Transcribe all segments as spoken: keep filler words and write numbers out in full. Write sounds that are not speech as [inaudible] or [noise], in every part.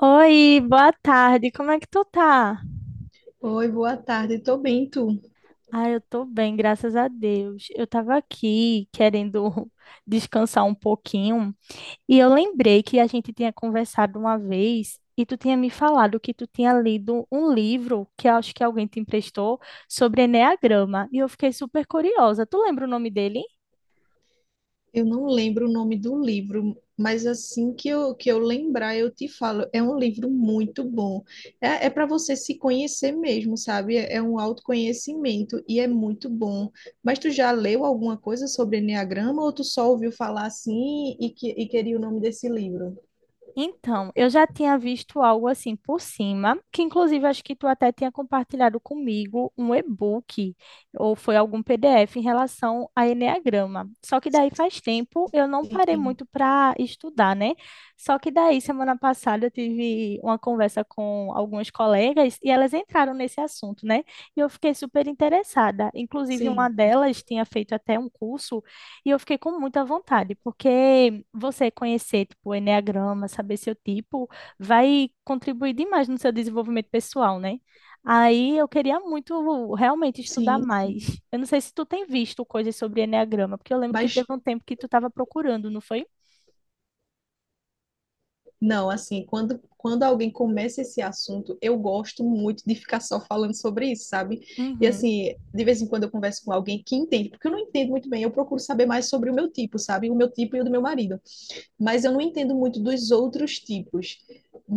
Oi, boa tarde. Como é que tu tá? Oi, boa tarde. Tô bem, tu? Ah, eu tô bem, graças a Deus. Eu tava aqui querendo [laughs] descansar um pouquinho e eu lembrei que a gente tinha conversado uma vez e tu tinha me falado que tu tinha lido um livro que eu acho que alguém te emprestou sobre enneagrama e eu fiquei super curiosa. Tu lembra o nome dele? Eu não lembro o nome do livro, mas assim que eu, que eu lembrar, eu te falo. É um livro muito bom. É, é para você se conhecer mesmo, sabe? É, é um autoconhecimento e é muito bom. Mas tu já leu alguma coisa sobre Eneagrama ou tu só ouviu falar assim e, que, e queria o nome desse livro? Então, eu já tinha visto algo assim por cima, que inclusive acho que tu até tinha compartilhado comigo um e-book ou foi algum P D F em relação a enneagrama. Só que daí faz tempo eu não parei Sim, muito para estudar, né? Só que daí semana passada eu tive uma conversa com algumas colegas e elas entraram nesse assunto, né? E eu fiquei super interessada. Inclusive uma sim, delas tinha feito até um curso e eu fiquei com muita vontade, porque você conhecer, tipo, o enneagrama, saber seu tipo, vai contribuir demais no seu desenvolvimento pessoal, né? Aí eu queria muito realmente estudar sim. mais. Sim. Eu não sei se tu tem visto coisas sobre enneagrama, porque eu lembro que teve Mas um tempo que tu estava procurando, não foi? Não, assim, quando, quando alguém começa esse assunto, eu gosto muito de ficar só falando sobre isso, sabe? E Uhum. assim, de vez em quando eu converso com alguém que entende, porque eu não entendo muito bem, eu procuro saber mais sobre o meu tipo, sabe? O meu tipo e o do meu marido. Mas eu não entendo muito dos outros tipos.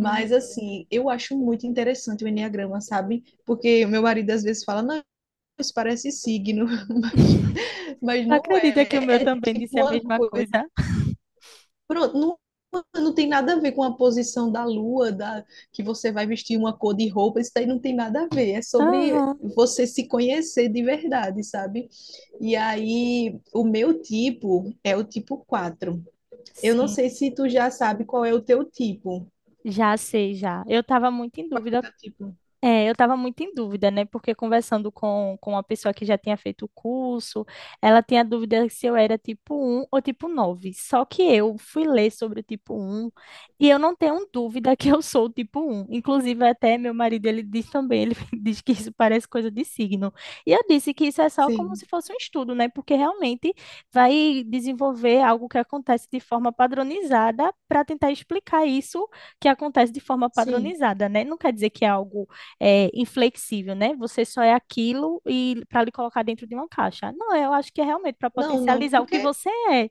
Uhum. assim, eu acho muito interessante o enneagrama, sabe? Porque o meu marido às vezes fala, não, isso parece signo, [laughs] mas, [laughs] mas Tu não acredita que o meu é. É também disse a tipo uma mesma coisa. coisa? Pronto, não, não tem nada a ver com a posição da lua, da, que você vai vestir uma cor de roupa, isso daí não tem nada a ver. É sobre Aham. você se conhecer de verdade, sabe? E aí, o meu tipo é o tipo quatro. Eu não Sim, sei se tu já sabe qual é o teu tipo. já sei, já. Eu estava muito em dúvida. Tá. Tipo, É, eu estava muito em dúvida, né? Porque conversando com, com uma pessoa que já tinha feito o curso, ela tinha dúvida se eu era tipo um ou tipo nove. Só que eu fui ler sobre o tipo um e eu não tenho dúvida que eu sou o tipo um. Inclusive, até meu marido, ele diz também, ele [laughs] diz que isso parece coisa de signo. E eu disse que isso é só como se sim, fosse um estudo, né? Porque realmente vai desenvolver algo que acontece de forma padronizada para tentar explicar isso que acontece de forma sim. padronizada, né? Não quer dizer que é algo é, inflexível, né? Você só é aquilo e para lhe colocar dentro de uma caixa. Não, eu acho que é realmente para Não, não, potencializar o que porque você é,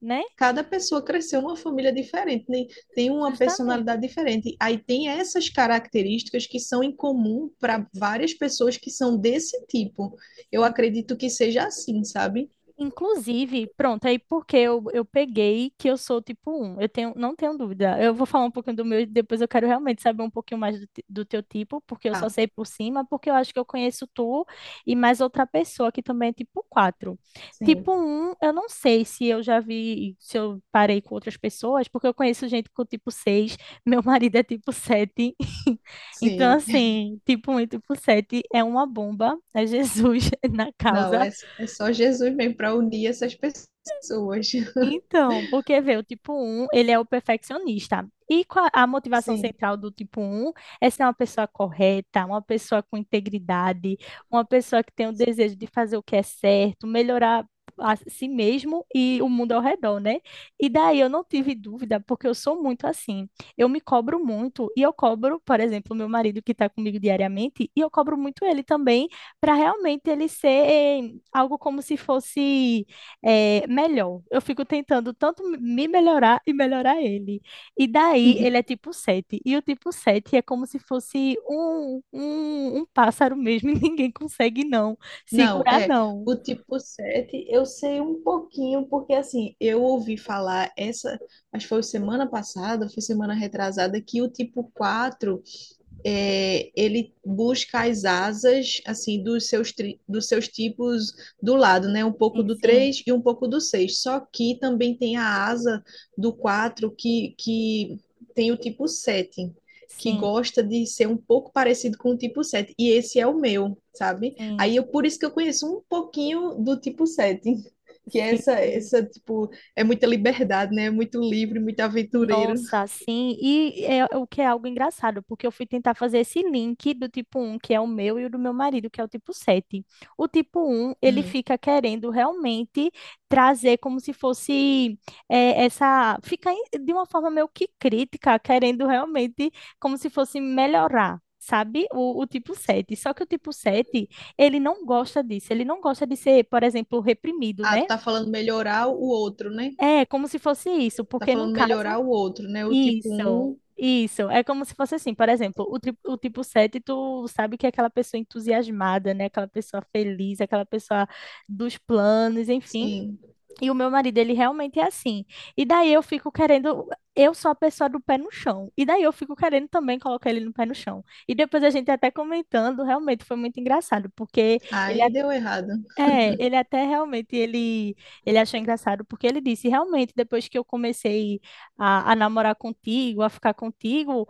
né? cada pessoa cresceu numa família diferente, né? Tem uma personalidade Justamente. diferente. Aí tem essas características que são em comum para várias pessoas que são desse tipo. Eu acredito que seja assim, sabe? Inclusive, pronto, aí porque eu, eu peguei que eu sou tipo um. Eu tenho, não tenho dúvida. Eu vou falar um pouquinho do meu e depois eu quero realmente saber um pouquinho mais do, te- do teu tipo, porque eu só Tá. sei por cima, porque eu acho que eu conheço tu e mais outra pessoa que também é tipo quatro. Sim. Tipo um eu não sei se eu já vi, se eu parei com outras pessoas, porque eu conheço gente com tipo seis. [laughs] Meu marido é tipo sete. [laughs] Então, Sim. [laughs] assim, tipo um e tipo sete é uma bomba, é Jesus [laughs] na Não, causa. é, é só Jesus mesmo para unir essas pessoas. [laughs] Então, porque vê, o tipo um, ele é o perfeccionista. E qua- a motivação Sim. central do tipo um é ser uma pessoa correta, uma pessoa com integridade, uma pessoa que tem o desejo de fazer o que é certo, melhorar a si mesmo e o mundo ao redor, né? E daí eu não tive dúvida, porque eu sou muito assim. Eu me cobro muito e eu cobro, por exemplo, meu marido que está comigo diariamente, e eu cobro muito ele também, para realmente ele ser eh, algo como se fosse é, melhor. Eu fico tentando tanto me melhorar e melhorar ele. E daí ele é tipo sete. E o tipo sete é como se fosse um, um, um pássaro mesmo, [laughs] e ninguém consegue não Não, segurar, é. não. O tipo sete, eu sei um pouquinho, porque assim, eu ouvi falar essa, acho que foi semana passada, foi semana retrasada, que o tipo quatro é, ele busca as asas assim dos seus, tri- dos seus tipos do lado, né? Um pouco do Sim, três e um pouco do seis. Só que também tem a asa do quatro que, que tem o tipo sete que sim, gosta de ser um pouco parecido com o tipo sete. E esse é o meu, sabe? sim, Aí eu, sim. por isso que eu conheço um pouquinho do tipo sete. [laughs] Que é Sim, essa, sim. essa, tipo, é muita liberdade, né? É muito livre, muito aventureiro. Nossa, sim. E é o que é algo engraçado, porque eu fui tentar fazer esse link do tipo um que é o meu, e o do meu marido, que é o tipo sete. O tipo um ele Hum. fica querendo realmente trazer como se fosse eh, essa. Fica em- de uma forma meio que crítica, querendo realmente como se fosse melhorar. Sabe? O, o tipo sete. Só que o tipo sete ele não gosta disso. Ele não gosta de ser, por exemplo, reprimido, Ah, né? tu tá falando melhorar o outro, né? É, como se fosse isso, Tá porque num falando caso melhorar o outro, né? O tipo isso, um, isso. É como se fosse assim, por exemplo, o, tri- o tipo sete tu sabe que é aquela pessoa entusiasmada, né? Aquela pessoa feliz, aquela pessoa dos planos, enfim. sim. E o meu marido, ele realmente é assim. E daí eu fico querendo. Eu sou a pessoa do pé no chão. E daí eu fico querendo também colocar ele no pé no chão. E depois a gente até comentando, realmente foi muito engraçado, porque ele Aí deu errado. é, ele até realmente, ele, ele achou engraçado, porque ele disse, realmente, depois que eu comecei a, a namorar contigo, a ficar contigo,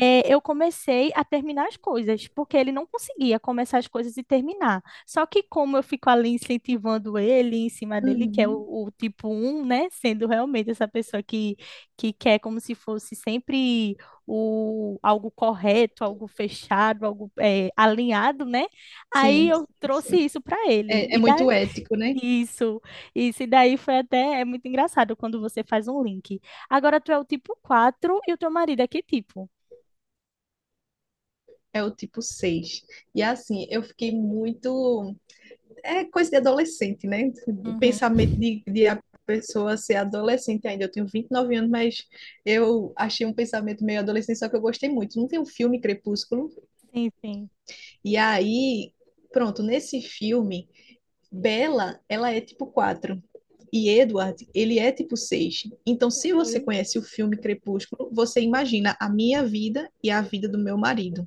eh, eu comecei a terminar as coisas, porque ele não conseguia começar as coisas e terminar. Só que como eu fico ali incentivando ele, em cima dele, que é o, Uhum. o tipo um né, sendo realmente essa pessoa que, que quer como se fosse sempre o, algo correto, algo fechado, algo eh, alinhado, né? Aí Sim, sim. eu trouxe isso para ele. É, é E daí, muito ético, né? isso, isso. E daí foi até, é muito engraçado quando você faz um link. Agora tu é o tipo quatro e o teu marido é que tipo? É o tipo seis. E assim, eu fiquei muito. É coisa de adolescente, né? Uhum. Pensamento de, de a pessoa ser adolescente ainda. Eu tenho vinte e nove anos, mas eu achei um pensamento meio adolescente, só que eu gostei muito. Não tem um filme Crepúsculo? Sim, sim. E aí, pronto, nesse filme, Bella, ela é tipo quatro. E Edward, ele é tipo seis. Então, se você Uhum. conhece o filme Crepúsculo, você imagina a minha vida e a vida do meu marido.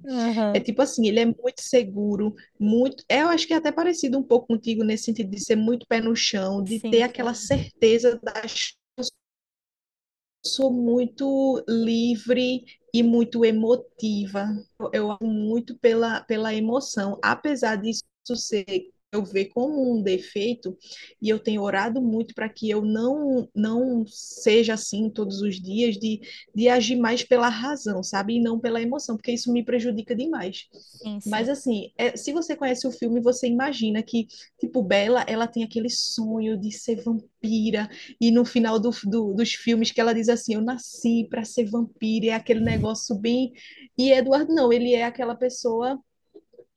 É Aham. tipo assim, ele é muito seguro, muito. é, Eu acho que é até parecido um pouco contigo nesse sentido de ser muito pé no chão, de Sim, ter aquela sim. certeza das. Sou muito livre e muito emotiva. Eu amo muito pela, pela emoção, apesar disso ser eu ver como um defeito, e eu tenho orado muito para que eu não não seja assim todos os dias, de, de agir mais pela razão, sabe? E não pela emoção, porque isso me prejudica demais. Sim, sim, Mas assim, é, se você conhece o filme, você imagina que, tipo, Bella, ela tem aquele sonho de ser vampira, e no final do, do- dos filmes que ela diz assim, eu nasci para ser vampiro, é aquele negócio bem. E Edward não, ele é aquela pessoa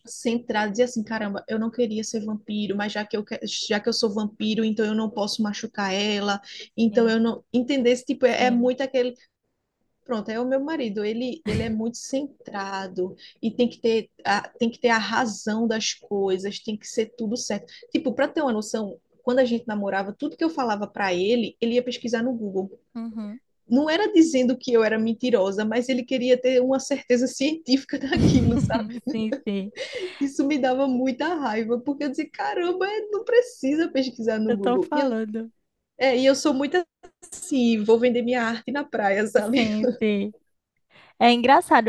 centrada, diz assim, caramba, eu não queria ser vampiro, mas já que eu que- já que eu sou vampiro, então eu não posso machucar ela, então sim, eu não entender esse tipo é, é, sim. muito aquele. Pronto, é o meu marido, ele, ele é muito centrado e tem que ter a, tem que ter a razão das coisas, tem que ser tudo certo. Tipo, para ter uma noção, quando a gente namorava, tudo que eu falava para ele, ele ia pesquisar no Google. Uhum. Não era dizendo que eu era mentirosa, mas ele queria ter uma certeza científica [laughs] daquilo, sabe? [laughs] Sim, sim. Isso me dava muita raiva, porque eu dizia, caramba, é, não precisa pesquisar no Eu tô Google. E eu, falando. é, e eu sou muito assim, vou vender minha arte na praia, sabe? Sim, sim. É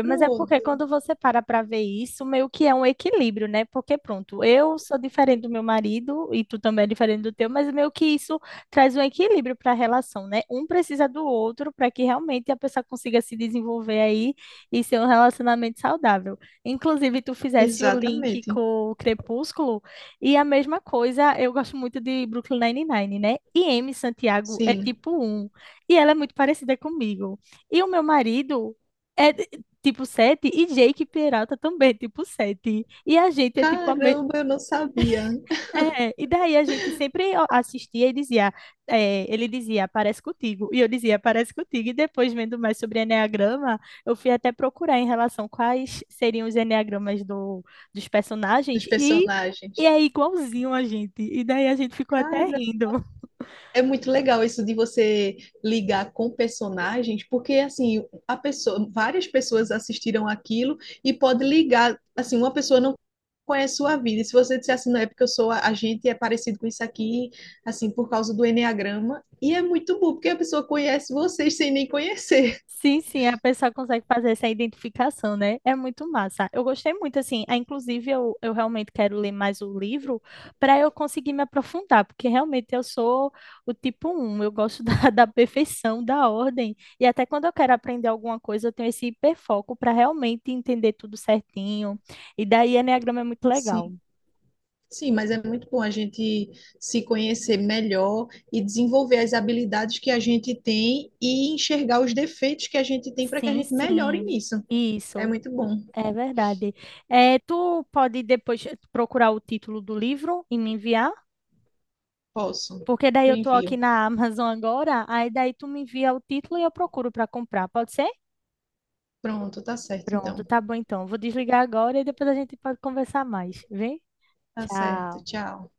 [laughs] mas é porque Pronto. quando você para para ver isso, meio que é um equilíbrio, né? Porque pronto, eu sou diferente do meu marido e tu também é diferente do teu, mas meio que isso traz um equilíbrio para a relação, né? Um precisa do outro para que realmente a pessoa consiga se desenvolver aí e ser um relacionamento saudável. Inclusive, tu fizesse o link Exatamente. com o Crepúsculo e a mesma coisa, eu gosto muito de Brooklyn Nine-Nine, né? E Amy Santiago é Sim. tipo um e ela é muito parecida comigo. E o meu marido é tipo sete e Jake Peralta também, é tipo sete. E a gente é tipo a me... Caramba, eu não sabia é, e daí a gente sempre ó, assistia e dizia, é, ele dizia, parece contigo, e eu dizia, parece contigo. E depois vendo mais sobre enneagrama, eu fui até procurar em relação quais seriam os enneagramas do, dos personagens dos e e personagens. é igualzinho a gente. E daí a gente ficou até Cara, rindo. é muito legal isso de você ligar com personagens, porque assim, a pessoa, várias pessoas assistiram aquilo e pode ligar, assim, uma pessoa não conhece sua vida. E se você disser assim, não é porque eu sou a a gente é parecido com isso aqui, assim, por causa do enneagrama, e é muito bom, porque a pessoa conhece vocês sem nem conhecer. Sim, sim, a pessoa consegue fazer essa identificação, né? É muito massa. Eu gostei muito, assim. ah, Inclusive, eu, eu realmente quero ler mais o livro para eu conseguir me aprofundar, porque realmente eu sou o tipo um. Eu gosto da, [laughs] da perfeição, da ordem. E até quando eu quero aprender alguma coisa, eu tenho esse hiperfoco para realmente entender tudo certinho. E daí, Eneagrama é muito legal. Sim, sim, mas é muito bom a gente se conhecer melhor e desenvolver as habilidades que a gente tem e enxergar os defeitos que a gente tem para que a Sim, gente melhore sim. nisso. É Isso. muito bom. É verdade. Eh, tu pode depois procurar o título do livro e me enviar? Posso. Porque daí Eu eu tô aqui envio. na Amazon agora, aí daí tu me envia o título e eu procuro para comprar, pode ser? Pronto, tá certo Pronto, então. tá bom então. Vou desligar agora e depois a gente pode conversar mais, vem? Tá certo. Tchau. Tchau.